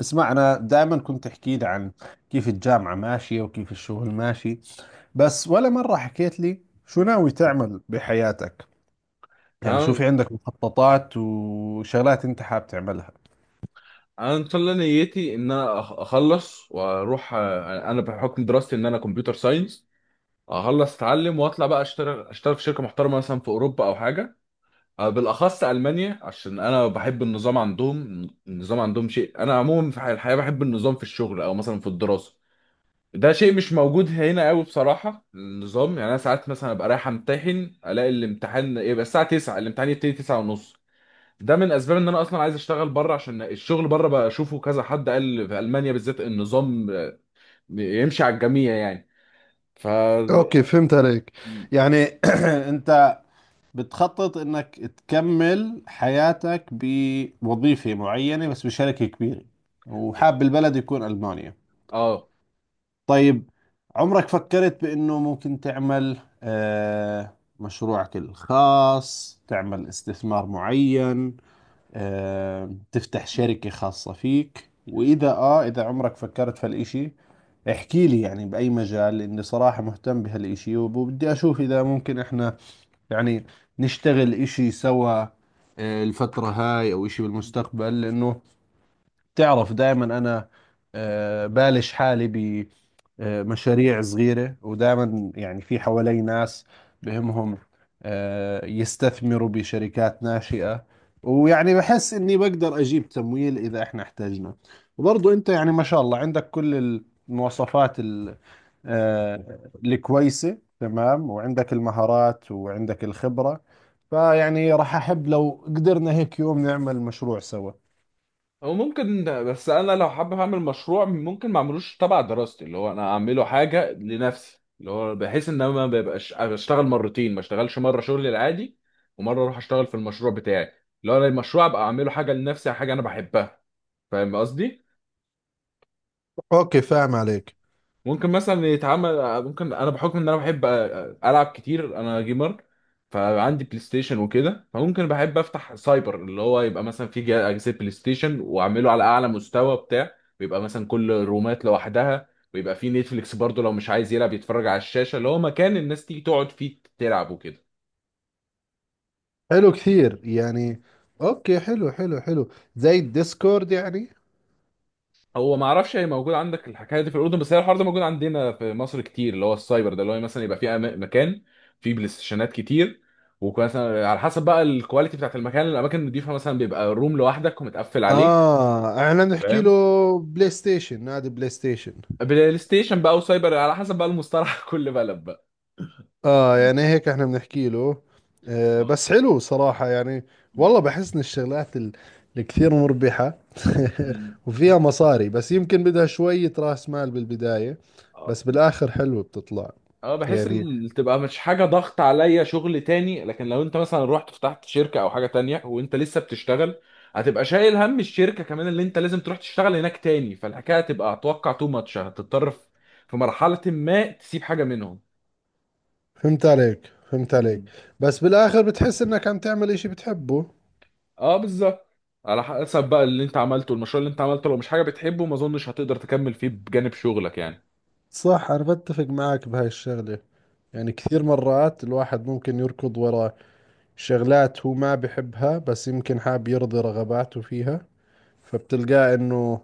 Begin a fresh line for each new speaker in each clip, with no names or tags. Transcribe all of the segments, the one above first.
اسمع، أنا دائما كنت تحكي لي عن كيف الجامعة ماشية وكيف الشغل ماشي، بس ولا مرة حكيت لي شو ناوي تعمل بحياتك. يعني شو
انا
في عندك مخططات وشغلات أنت حاب تعملها؟
أنا ان شاء الله نيتي ان انا اخلص واروح. انا بحكم دراستي ان انا كمبيوتر ساينس. اخلص اتعلم واطلع بقى اشتغل في شركه محترمه مثلا في اوروبا او حاجه. بالاخص المانيا عشان انا بحب النظام عندهم. النظام عندهم شيء، انا عموما في الحياه بحب النظام في الشغل او مثلا في الدراسه. ده شيء مش موجود هنا قوي بصراحه، النظام. يعني انا ساعات مثلا ابقى رايح امتحن الاقي الامتحان يبقى الساعه 9، الامتحان يبتدي 9 ونص. ده من اسباب ان انا اصلا عايز اشتغل بره، عشان الشغل بره بقى اشوفه كذا. حد قال في المانيا بالذات النظام يمشي على الجميع يعني. ف
اوكي، فهمت عليك. يعني أنت بتخطط إنك تكمل حياتك بوظيفة معينة، بس بشركة كبيرة، وحاب البلد يكون ألمانيا.
اه
طيب، عمرك فكرت بأنه ممكن تعمل مشروعك الخاص، تعمل استثمار معين، تفتح شركة خاصة فيك؟ وإذا إذا عمرك فكرت في هالإشي احكي لي، يعني بأي مجال، لأني صراحة مهتم بهالإشي وبدي أشوف إذا ممكن إحنا يعني نشتغل إشي سوا الفترة هاي أو إشي بالمستقبل. لأنه تعرف دائما انا بالش حالي بمشاريع صغيرة، ودائما يعني في حوالي ناس بهمهم يستثمروا بشركات ناشئة، ويعني بحس اني بقدر اجيب تمويل اذا احنا احتاجنا. وبرضو انت يعني ما شاء الله عندك كل المواصفات الكويسة، تمام، وعندك المهارات وعندك الخبرة، فيعني راح احب لو قدرنا هيك يوم نعمل مشروع سوا.
او ممكن، بس انا لو حابب اعمل مشروع ممكن ما اعملوش تبع دراستي، اللي هو انا اعمله حاجه لنفسي، اللي هو بحيث ان انا ما ببقاش اشتغل مرتين، ما اشتغلش مره شغلي العادي ومره اروح اشتغل في المشروع بتاعي. اللي هو انا المشروع ابقى اعمله حاجه لنفسي، حاجه انا بحبها. فاهم قصدي؟
اوكي، فاهم عليك.
ممكن مثلا يتعمل، ممكن انا بحكم ان انا بحب العب كتير، انا جيمر، فعندي بلاي ستيشن وكده، فممكن بحب افتح سايبر اللي هو يبقى مثلا في اجهزه بلاي ستيشن واعمله على اعلى مستوى بتاع. ويبقى مثلا كل رومات لوحدها، ويبقى في نتفليكس برضه لو مش عايز يلعب يتفرج على الشاشه، اللي هو مكان الناس تيجي تقعد فيه تلعب وكده.
حلو كثير يعني. اوكي، حلو حلو حلو، زي الديسكورد يعني.
هو ما اعرفش هي موجود عندك الحكايه دي في الاردن، بس هي الحوار ده موجود عندنا في مصر كتير، اللي هو السايبر ده اللي هو مثلا يبقى في مكان فيه بلاي ستيشنات كتير. ومثلا على حسب بقى الكواليتي بتاعت المكان، الاماكن النضيفه مثلا بيبقى روم لوحدك ومتقفل عليك.
اه، احنا بنحكي له
فاهم.
بلاي ستيشن، نادي بلاي ستيشن.
بلاي ستيشن بقى وسايبر على حسب بقى المصطلح كل بلد بقى.
اه،
مم.
يعني هيك احنا بنحكي له.
اه.
بس حلو صراحة يعني.
مم.
والله بحس ان الشغلات الكثير مربحة
مم.
وفيها مصاري، بس يمكن بدها شوية راس مال بالبداية،
آه.
بس بالاخر حلوة بتطلع
اه، بحس
يعني.
ان تبقى مش حاجه ضغط عليا شغل تاني، لكن لو انت مثلا رحت فتحت شركه او حاجه تانية وانت لسه بتشتغل هتبقى شايل هم الشركه كمان اللي انت لازم تروح تشتغل هناك تاني، فالحكايه هتبقى اتوقع تو ماتش. هتضطر في مرحله ما تسيب حاجه منهم.
فهمت عليك، فهمت عليك.
مم.
بس بالاخر بتحس انك عم تعمل اشي بتحبه.
اه، بالظبط. على حسب بقى اللي انت عملته المشروع، اللي انت عملته لو مش حاجه بتحبه ما اظنش هتقدر تكمل فيه بجانب شغلك يعني.
صح، أنا بتفق معك بهاي الشغلة. يعني كثير مرات الواحد ممكن يركض وراء شغلات هو ما بحبها، بس يمكن حاب يرضي رغباته فيها، فبتلقاه إنه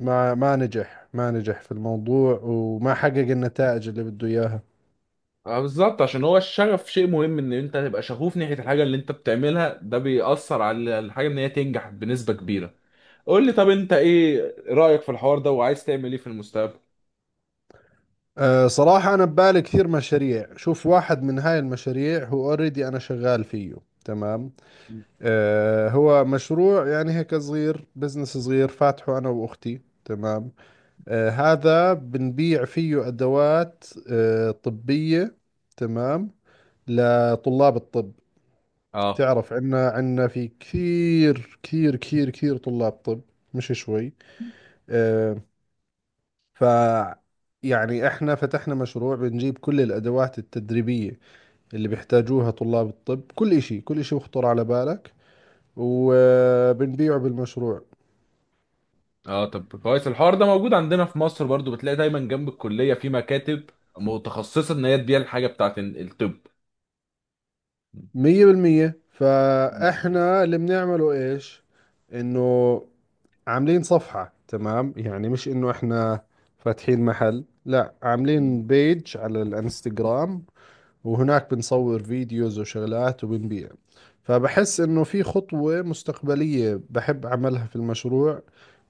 ما نجح في الموضوع وما حقق النتائج اللي بده إياها.
اه بالظبط، عشان هو الشغف شيء مهم، ان انت تبقى شغوف ناحية الحاجة اللي انت بتعملها. ده بيأثر على الحاجة ان هي تنجح بنسبة كبيرة. قول لي، طب انت ايه رأيك في الحوار ده وعايز تعمل ايه في المستقبل؟
صراحة أنا ببالي كثير مشاريع. شوف، واحد من هاي المشاريع هو اوريدي، أنا شغال فيه، تمام. هو مشروع يعني هيك صغير، بزنس صغير فاتحه أنا وأختي، تمام. هذا بنبيع فيه أدوات طبية، تمام، لطلاب الطب.
اه.
تعرف، عنا في كثير كثير كثير كثير طلاب طب، مش شوي. آه، ف يعني احنا فتحنا مشروع بنجيب كل الأدوات التدريبية اللي بيحتاجوها طلاب الطب، كل إشي كل إشي يخطر على بالك، وبنبيعه بالمشروع.
اه، طب كويس، الحوار ده موجود عندنا في مصر برضو. بتلاقي دايما جنب الكلية في مكاتب متخصصة ان هي تبيع الحاجة بتاعت الطب.
مية بالمية.
مم.
فاحنا اللي بنعمله ايش؟ انه عاملين صفحة، تمام، يعني مش انه احنا فاتحين محل، لا، عاملين بيج على الانستغرام، وهناك بنصور فيديوز وشغلات وبنبيع. فبحس انه في خطوة مستقبلية بحب اعملها في المشروع،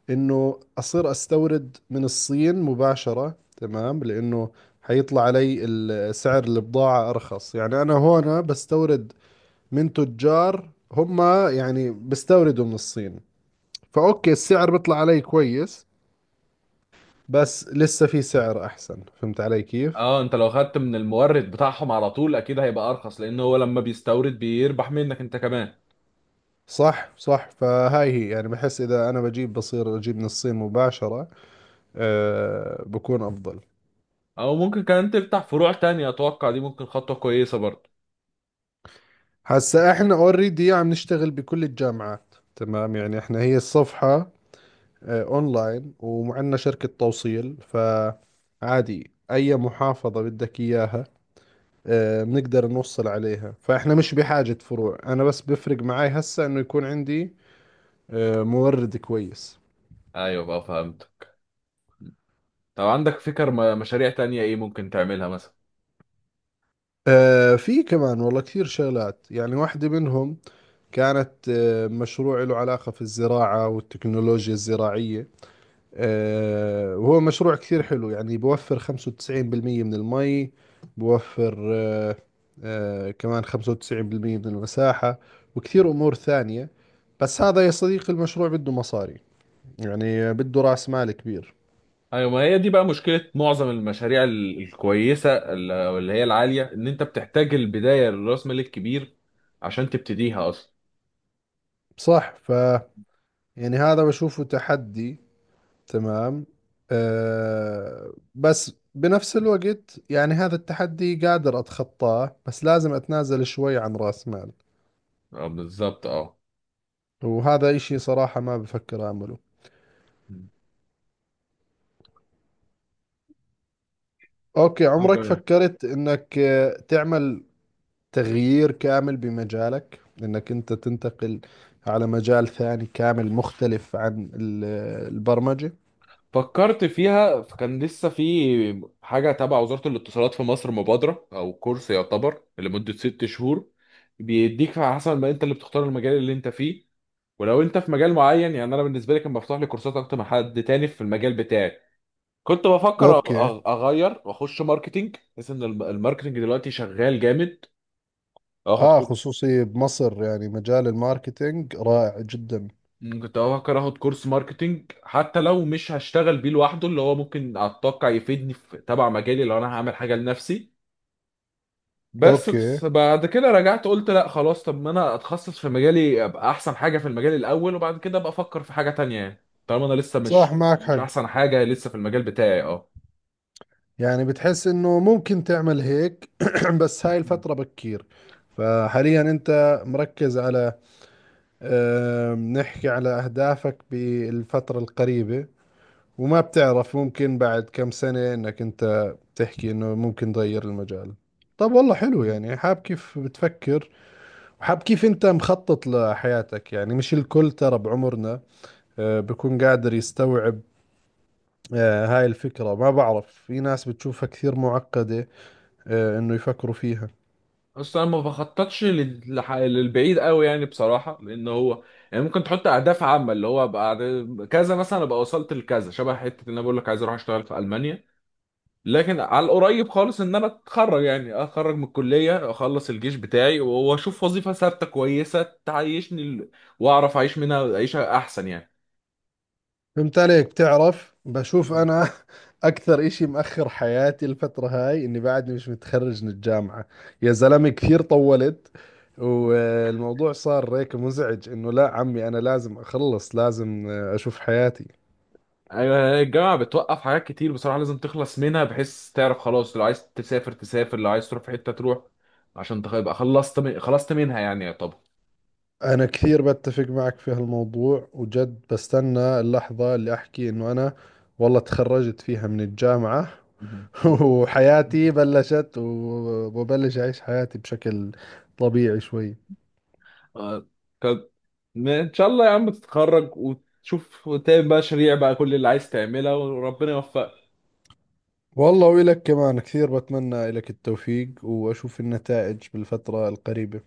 انه اصير استورد من الصين مباشرة، تمام، لانه حيطلع علي سعر البضاعة ارخص. يعني انا هون بستورد من تجار هم يعني بستوردوا من الصين، فأوكي السعر بيطلع علي كويس، بس لسه في سعر أحسن. فهمت علي كيف؟
اه، انت لو خدت من المورد بتاعهم على طول اكيد هيبقى ارخص، لان هو لما بيستورد بيربح منك انت كمان.
صح، صح، فهاي هي يعني، بحس إذا أنا بجيب بصير أجيب من الصين مباشرة بكون أفضل.
او ممكن كمان تفتح فروع تانية، اتوقع دي ممكن خطوة كويسة برضه.
هسا إحنا اوريدي عم نشتغل بكل الجامعات، تمام، يعني إحنا هي الصفحة أونلاين، ومعنا شركة توصيل، فعادي أي محافظة بدك إياها بنقدر نوصل عليها، فإحنا مش بحاجة فروع. أنا بس بفرق معي هسا إنه يكون عندي مورد كويس.
ايوه بقى، فهمت. طب عندك فكر مشاريع تانية ايه ممكن تعملها مثلا؟
في كمان والله كثير شغلات يعني. واحدة منهم كانت مشروع له علاقة في الزراعة والتكنولوجيا الزراعية، وهو مشروع كثير حلو يعني، بوفر 95% من المي بوفر آه، آه، كمان 95% من المساحة، وكثير أمور ثانية. بس هذا يا صديقي المشروع بده مصاري، يعني بده رأس مال كبير.
ايوه، ما هي دي بقى مشكلة معظم المشاريع الكويسة أو اللي هي العالية، ان انت بتحتاج البداية للراس مال الكبير عشان تبتديها اصلا.
صح. يعني هذا بشوفه تحدي، تمام، بس بنفس الوقت يعني هذا التحدي قادر أتخطاه، بس لازم أتنازل شوي عن رأس مال،
اه بالظبط اه.
وهذا إشي صراحة ما بفكر أعمله. أوكي،
طب
عمرك
إيه؟
فكرت إنك تعمل تغيير كامل بمجالك، إنك أنت تنتقل على مجال ثاني كامل مختلف عن البرمجة؟
فكرت فيها، كان لسه في حاجة تبع وزارة الاتصالات في مصر مبادرة أو كورس يعتبر لمدة 6 شهور، بيديك على حسب ما أنت اللي بتختار المجال اللي أنت فيه. ولو انت في مجال معين يعني انا بالنسبه لي كان مفتوح لي كورسات اكتر من حد تاني في المجال بتاعي. كنت بفكر
اوكي.
اغير واخش ماركتينج، بحيث ان الماركتينج دلوقتي شغال جامد. اخد
اه،
كورس.
خصوصي بمصر يعني مجال الماركتينج رائع جدا.
مم، كنت بفكر اخد كورس ماركتينج حتى لو مش هشتغل بيه لوحده، اللي هو ممكن اتوقع يفيدني في تبع مجالي لو انا هعمل حاجه لنفسي. بس
اوكي،
بس بعد كده رجعت قلت لا خلاص، طب ما انا اتخصص في مجالي، ابقى احسن حاجه في المجال الاول وبعد كده ابقى افكر في حاجه تانية، يعني طالما انا لسه
صح،
مش
معك
مش
حق،
احسن حاجه لسه في المجال بتاعي. اه.
يعني بتحس انه ممكن تعمل هيك بس هاي
مم.
الفترة بكير. فحاليا انت مركز على نحكي على اهدافك بالفترة القريبة، وما بتعرف، ممكن بعد كم سنة انك انت تحكي انه ممكن تغير المجال. طب، والله حلو،
مم.
يعني حاب كيف بتفكر وحاب كيف انت مخطط لحياتك. يعني مش الكل ترى بعمرنا بكون قادر يستوعب هاي الفكرة. ما بعرف، في ناس بتشوفها كثير معقدة انه يفكروا فيها.
اصلا أنا ما بخططش للبعيد قوي يعني بصراحه، لان هو يعني ممكن تحط اهداف عامه اللي هو بعد كذا، مثلا ابقى وصلت لكذا، شبه حته ان انا بقول لك عايز اروح اشتغل في المانيا. لكن على القريب خالص ان انا اتخرج، يعني اتخرج من الكليه، اخلص الجيش بتاعي واشوف وظيفه ثابته كويسه تعيشني واعرف اعيش منها عيشه احسن يعني.
فهمت عليك. بتعرف، بشوف
مم.
انا اكثر اشي مأخر حياتي الفترة هاي اني بعدني مش متخرج من الجامعة. يا زلمة، كثير طولت، والموضوع صار هيك مزعج، انه لا عمي، انا لازم اخلص، لازم اشوف حياتي.
ايوه، الجامعه بتوقف حاجات كتير بصراحه، لازم تخلص منها بحيث تعرف خلاص. لو عايز تسافر تسافر، لو عايز تروح في حته تروح، عشان تبقى خلصت خلصت منها يعني يعتبر.
انا كثير بتفق معك في هالموضوع، وجد بستنى اللحظة اللي احكي انه انا والله تخرجت فيها من الجامعة وحياتي بلشت، وببلش اعيش حياتي بشكل طبيعي شوي.
آه. كان- ان شاء الله يا عم تتخرج وتشوف وتعمل بقى شريع بقى كل اللي عايز تعملها وربنا يوفقك.
والله، وإلك كمان، كثير بتمنى لك التوفيق وأشوف النتائج بالفترة القريبة.